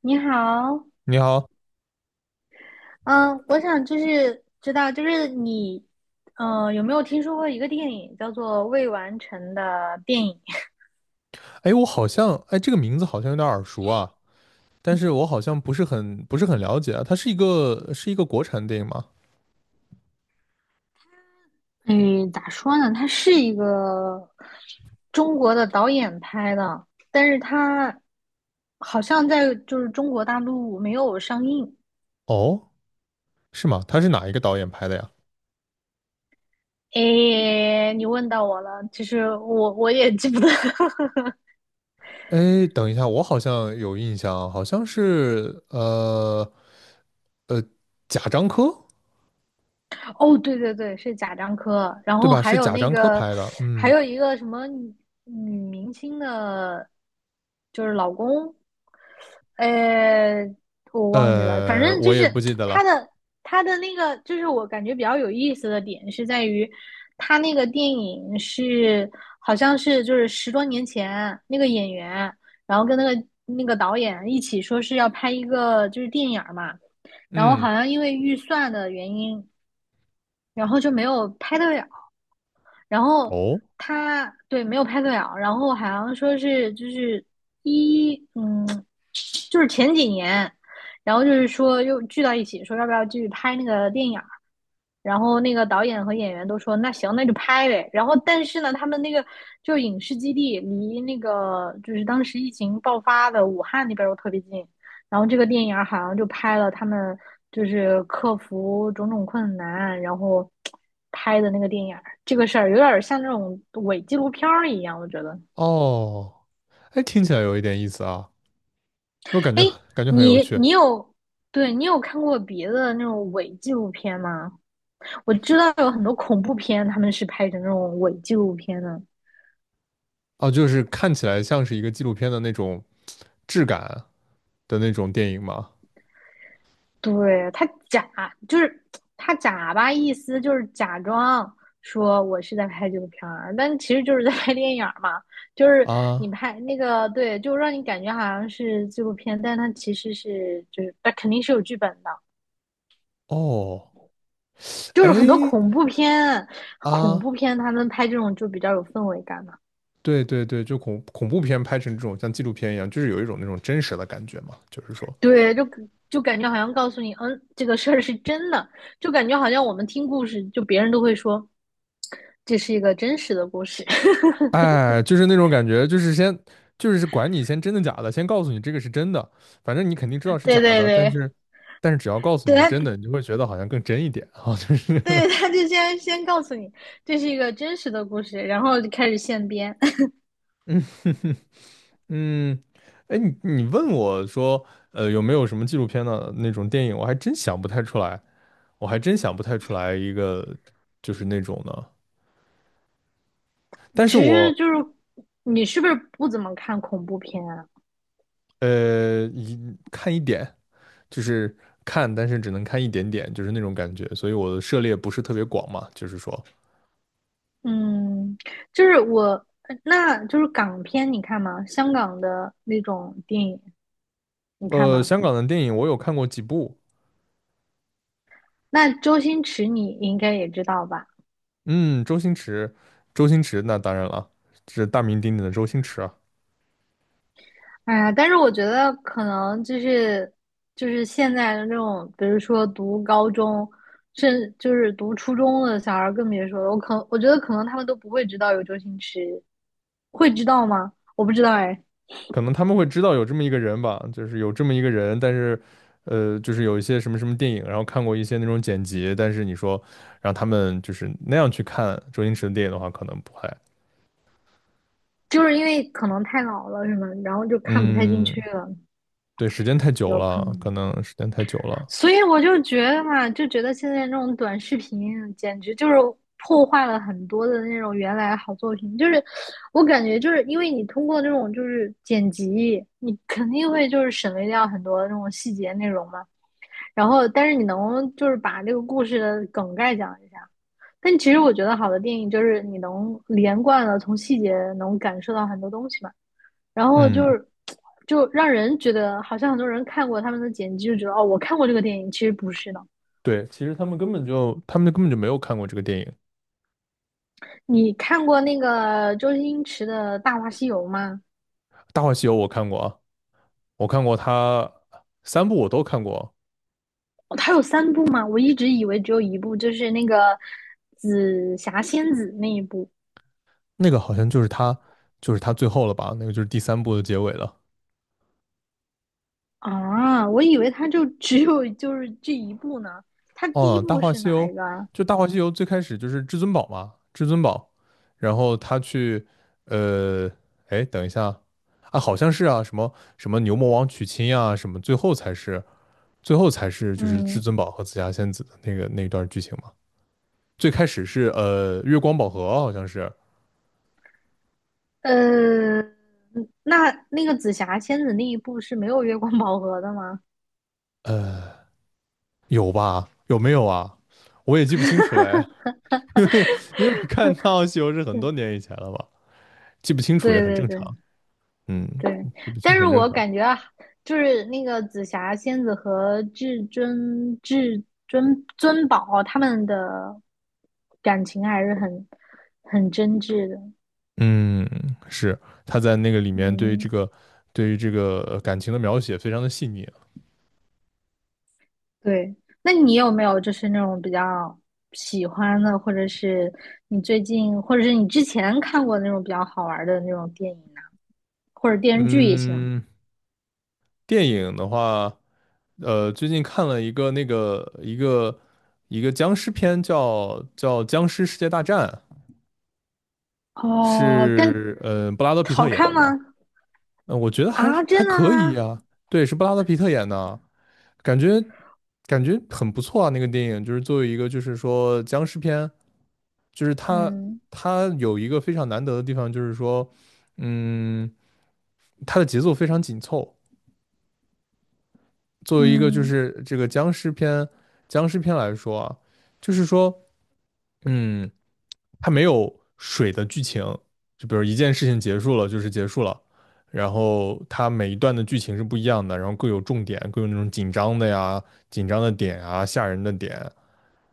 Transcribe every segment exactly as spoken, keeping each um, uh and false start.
你好，你好，嗯，我想就是知道，就是你，呃，有没有听说过一个电影叫做《未完成的电影》？哎，我好像，哎，这个名字好像有点耳熟啊，但是我好像不是很不是很了解啊。它是一个是一个国产电影吗？嗯，咋说呢？它是一个中国的导演拍的，但是它好像在就是中国大陆没有上映。哦，是吗？它是哪一个导演拍的呀？诶，你问到我了，其实我我也记不得。哎，等一下，我好像有印象啊，好像是呃呃贾樟柯，哦，对对对，是贾樟柯，然对后吧？还是有贾那樟柯个，拍的，还嗯，有一个什么女女明星的，就是老公，呃，我忘记了，反呃，正就我是也不记得他了，的他的那个，就是我感觉比较有意思的点是在于，他那个电影是好像是就是十多年前那个演员，然后跟那个那个导演一起说是要拍一个就是电影儿嘛。然后嗯，好像因为预算的原因，然后就没有拍得了。然后哦他对没有拍对了，然后好像说是就是一嗯，就是前几年，然后就是说又聚到一起，说要不要继续拍那个电影。然后那个导演和演员都说那行那就拍呗，然后但是呢，他们那个就影视基地离那个就是当时疫情爆发的武汉那边又特别近，然后这个电影好像就拍了他们就是克服种种困难，然后拍的那个电影。这个事儿有点像那种伪纪录片儿一样，我觉得。哦，哎，听起来有一点意思啊，我感哎，觉感觉很有你趣。你有对，你有看过别的那种伪纪录片吗？我知道有很多恐怖片，他们是拍成那种伪纪录片的。哦，就是看起来像是一个纪录片的那种质感的那种电影吗？对，他假就是他假吧，意思就是假装说我是在拍纪录片儿，但其实就是在拍电影儿嘛。就是你啊，拍那个，对，就让你感觉好像是纪录片，但它其实是就是它肯定是有剧本的。哦，就是很多哎，恐怖片，恐啊，怖片他们拍这种就比较有氛围感嘛。对对对，就恐恐怖片拍成这种像纪录片一样，就是有一种那种真实的感觉嘛，就是说，对，就就感觉好像告诉你，嗯，这个事儿是真的，就感觉好像我们听故事，就别人都会说这是一个真实的故事。哎，就是那种感觉，就是先就是管你先真的假的，先告诉你这个是真的，反正你肯定知道是对假对的，但对，是但是只要告诉对你是他真的，你就会觉得好像更真一点啊，就是 对他就先先告诉你这是一个真实的故事，然后就开始现编。嗯。哎，你你问我说，呃，有没有什么纪录片的那种电影，我还真想不太出来。我还真想不太出来一个就是那种的，但是其我实就是你是不是不怎么看恐怖片啊？呃一看一点，就是看，但是只能看一点点，就是那种感觉，所以我的涉猎不是特别广嘛，就是说，嗯，就是我，呃那就是港片，你看吗？香港的那种电影，你看呃，吗？香港的电影我有看过几部，那周星驰你应该也知道吧？嗯，周星驰，周星驰那当然了，是大名鼎鼎的周星驰，啊。哎呀，但是我觉得可能就是就是现在的这种，比如说读高中，甚就是读初中的小孩儿更别说了。我可我觉得可能他们都不会知道有周星驰，会知道吗？我不知道哎，可能他们会知道有这么一个人吧，就是有这么一个人，但是，呃，就是有一些什么什么电影，然后看过一些那种剪辑，但是你说让他们就是那样去看周星驰的电影的话，可能不会。就是因为可能太老了什么，然后就看不太进去嗯，了，对，时间太久有可了，可能。能时间太久了。所以我就觉得嘛，就觉得现在这种短视频简直就是破坏了很多的那种原来好作品。就是我感觉，就是因为你通过这种就是剪辑，你肯定会就是省略掉很多那种细节内容嘛。然后，但是你能就是把这个故事的梗概讲一下。但其实我觉得好的电影就是你能连贯的从细节能感受到很多东西嘛。然后就嗯，是就让人觉得好像很多人看过他们的剪辑，就觉得哦，我看过这个电影，其实不是的。对，其实他们根本就他们根本就没有看过这个电影，你看过那个周星驰的《大话西游》吗？《大话西游》我看过啊，我看过他三部我都看过，哦，他有三部吗？我一直以为只有一部，就是那个紫霞仙子那一部。那个好像就是他就是他最后了吧，那个就是第三部的结尾了。啊，我以为他就只有就是这一部呢。他第一哦，《大部话是西哪游》一个啊？就《大话西游》最开始就是至尊宝嘛，至尊宝，然后他去，呃，哎，等一下，啊，好像是啊，什么什么牛魔王娶亲呀、什么，最后才是最后才是就是至嗯，尊宝和紫霞仙子的那个那段剧情嘛。最开始是呃月光宝盒，好像是呃，那那个紫霞仙子那一部是没有月光宝盒的吗？有吧？有没有啊？我也记不清楚了，哎，因为因为看《大话西游》是很多年以前了嘛，记不清楚也对很对正常，对，嗯，对，记不但清是很正我常。感觉啊，就是那个紫霞仙子和至尊至尊尊宝他们的感情还是很很真挚的。嗯，是他在那个里面对这嗯，个对于这个呃感情的描写非常的细腻啊。对。那你有没有就是那种比较喜欢的，或者是你最近，或者是你之前看过的那种比较好玩的那种电影呢、或者电视剧也行。嗯，电影的话，呃，最近看了一个那个一个一个僵尸片叫，叫《僵尸世界大战》，哦，但是呃布拉德皮特好演看的嘛。吗？嗯，我觉得还啊，还真的可以吗？呀、对，是布拉德皮特演的，感觉感觉很不错啊。那个电影就是作为一个就是说僵尸片，就是它嗯它有一个非常难得的地方，就是说，嗯，它的节奏非常紧凑。作为一个就嗯是这个僵尸片僵尸片来说啊，就是说，嗯。它没有水的剧情，就比如一件事情结束了就是结束了，然后它每一段的剧情是不一样的，然后各有重点，各有那种紧张的呀、紧张的点啊、吓人的点，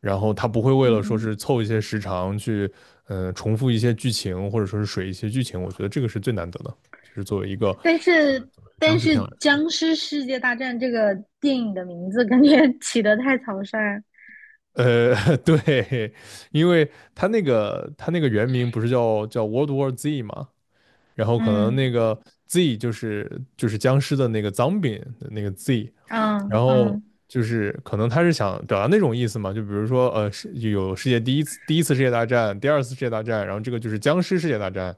然后它不会为了说嗯。是凑一些时长去，呃，重复一些剧情或者说是水一些剧情，我觉得这个是最难得的，就是作为一个但呃是作为僵但尸是片来说。《僵尸世界大战》这个电影的名字感觉 起得太草率，呃，对，因为它那个它那个原名不是叫叫 World War Z 嘛，然后可能嗯那个 Z 就是就是僵尸的那个 zombie 的那个 Z，嗯然后嗯，就是可能他是想表达那种意思嘛，就比如说呃是有世界第一次第一次世界大战，第二次世界大战，然后这个就是僵尸世界大战，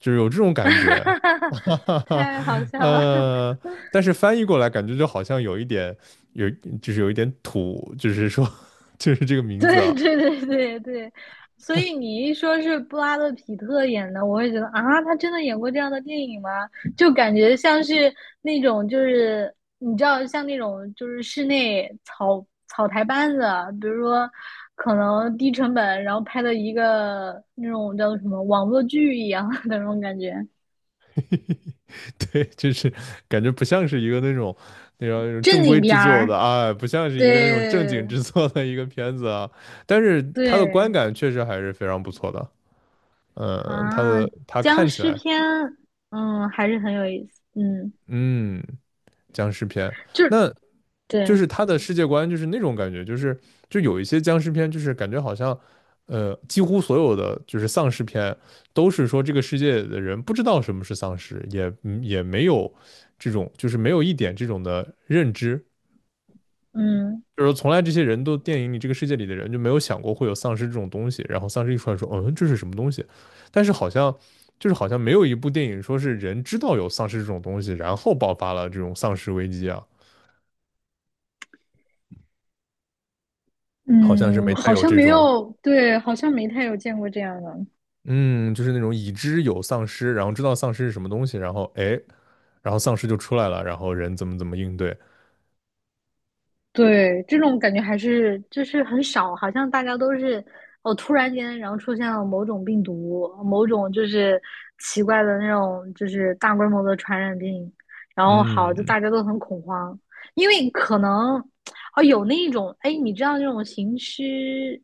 就是有这种感觉，哈哈哈，太好笑了，呃，但是翻译过来感觉就好像有一点有就是有一点土，就是说 就是这个 名字对啊，对对对对，所以你一说是布拉德·皮特演的，我会觉得啊，他真的演过这样的电影吗？就感觉像是那种就是你知道，像那种就是室内草草台班子啊，比如说可能低成本，然后拍的一个那种叫做什么网络剧一样的那种感觉，对，就是感觉不像是一个那种那种那种正正规经片制作的儿。啊，不像是对一个那种正经制作的一个片子啊。但是它的观对感确实还是非常不错的。嗯，它啊，的它僵看起尸来，片，嗯，还是很有意思，嗯，嗯，僵尸片，就是那就对。是它的世界观就是那种感觉，就是就有一些僵尸片，就是感觉好像，呃，几乎所有的就是丧尸片都是说这个世界的人不知道什么是丧尸，也嗯也没有这种就是没有一点这种的认知。嗯就是从来这些人都电影里这个世界里的人就没有想过会有丧尸这种东西，然后丧尸一出来说，嗯，这是什么东西？但是好像就是好像没有一部电影说是人知道有丧尸这种东西，然后爆发了这种丧尸危机啊，好像是嗯，没太好有像这没种，有，对，好像没太有见过这样的。嗯，就是那种已知有丧尸，然后知道丧尸是什么东西，然后哎，然后丧尸就出来了，然后人怎么怎么应对，对，这种感觉还是就是很少，好像大家都是哦，突然间然后出现了某种病毒，某种就是奇怪的那种就是大规模的传染病，然后好，就嗯大家都很恐慌，因为可能哦有那一种，哎，你知道那种行尸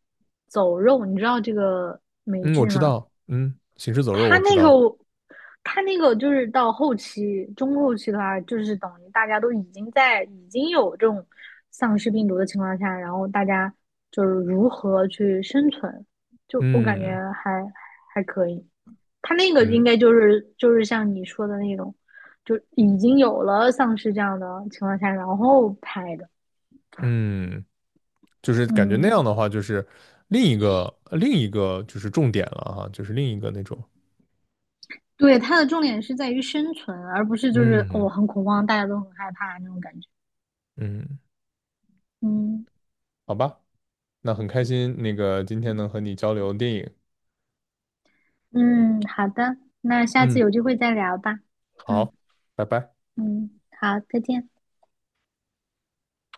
走肉，你知道这个美嗯，我剧知吗？道，嗯，行尸走肉他我知那个道，他那个就是到后期、中后期的话，就是等于大家都已经在已经有这种丧尸病毒的情况下，然后大家就是如何去生存，就我感觉嗯还还可以。他那个应嗯该就是就是像你说的那种，就已经有了丧尸这样的情况下，然后拍的。嗯，就是感觉那样嗯，的话，就是另一个另一个就是重点了哈，就是另一个那种，对，它的重点是在于生存，而不是就是哦嗯很恐慌，大家都很害怕那种感觉。嗯，嗯。好吧，那很开心，那个今天能和你交流电影，嗯，好的，那下次嗯，有机会再聊吧。嗯好，拜拜。嗯，好，再见。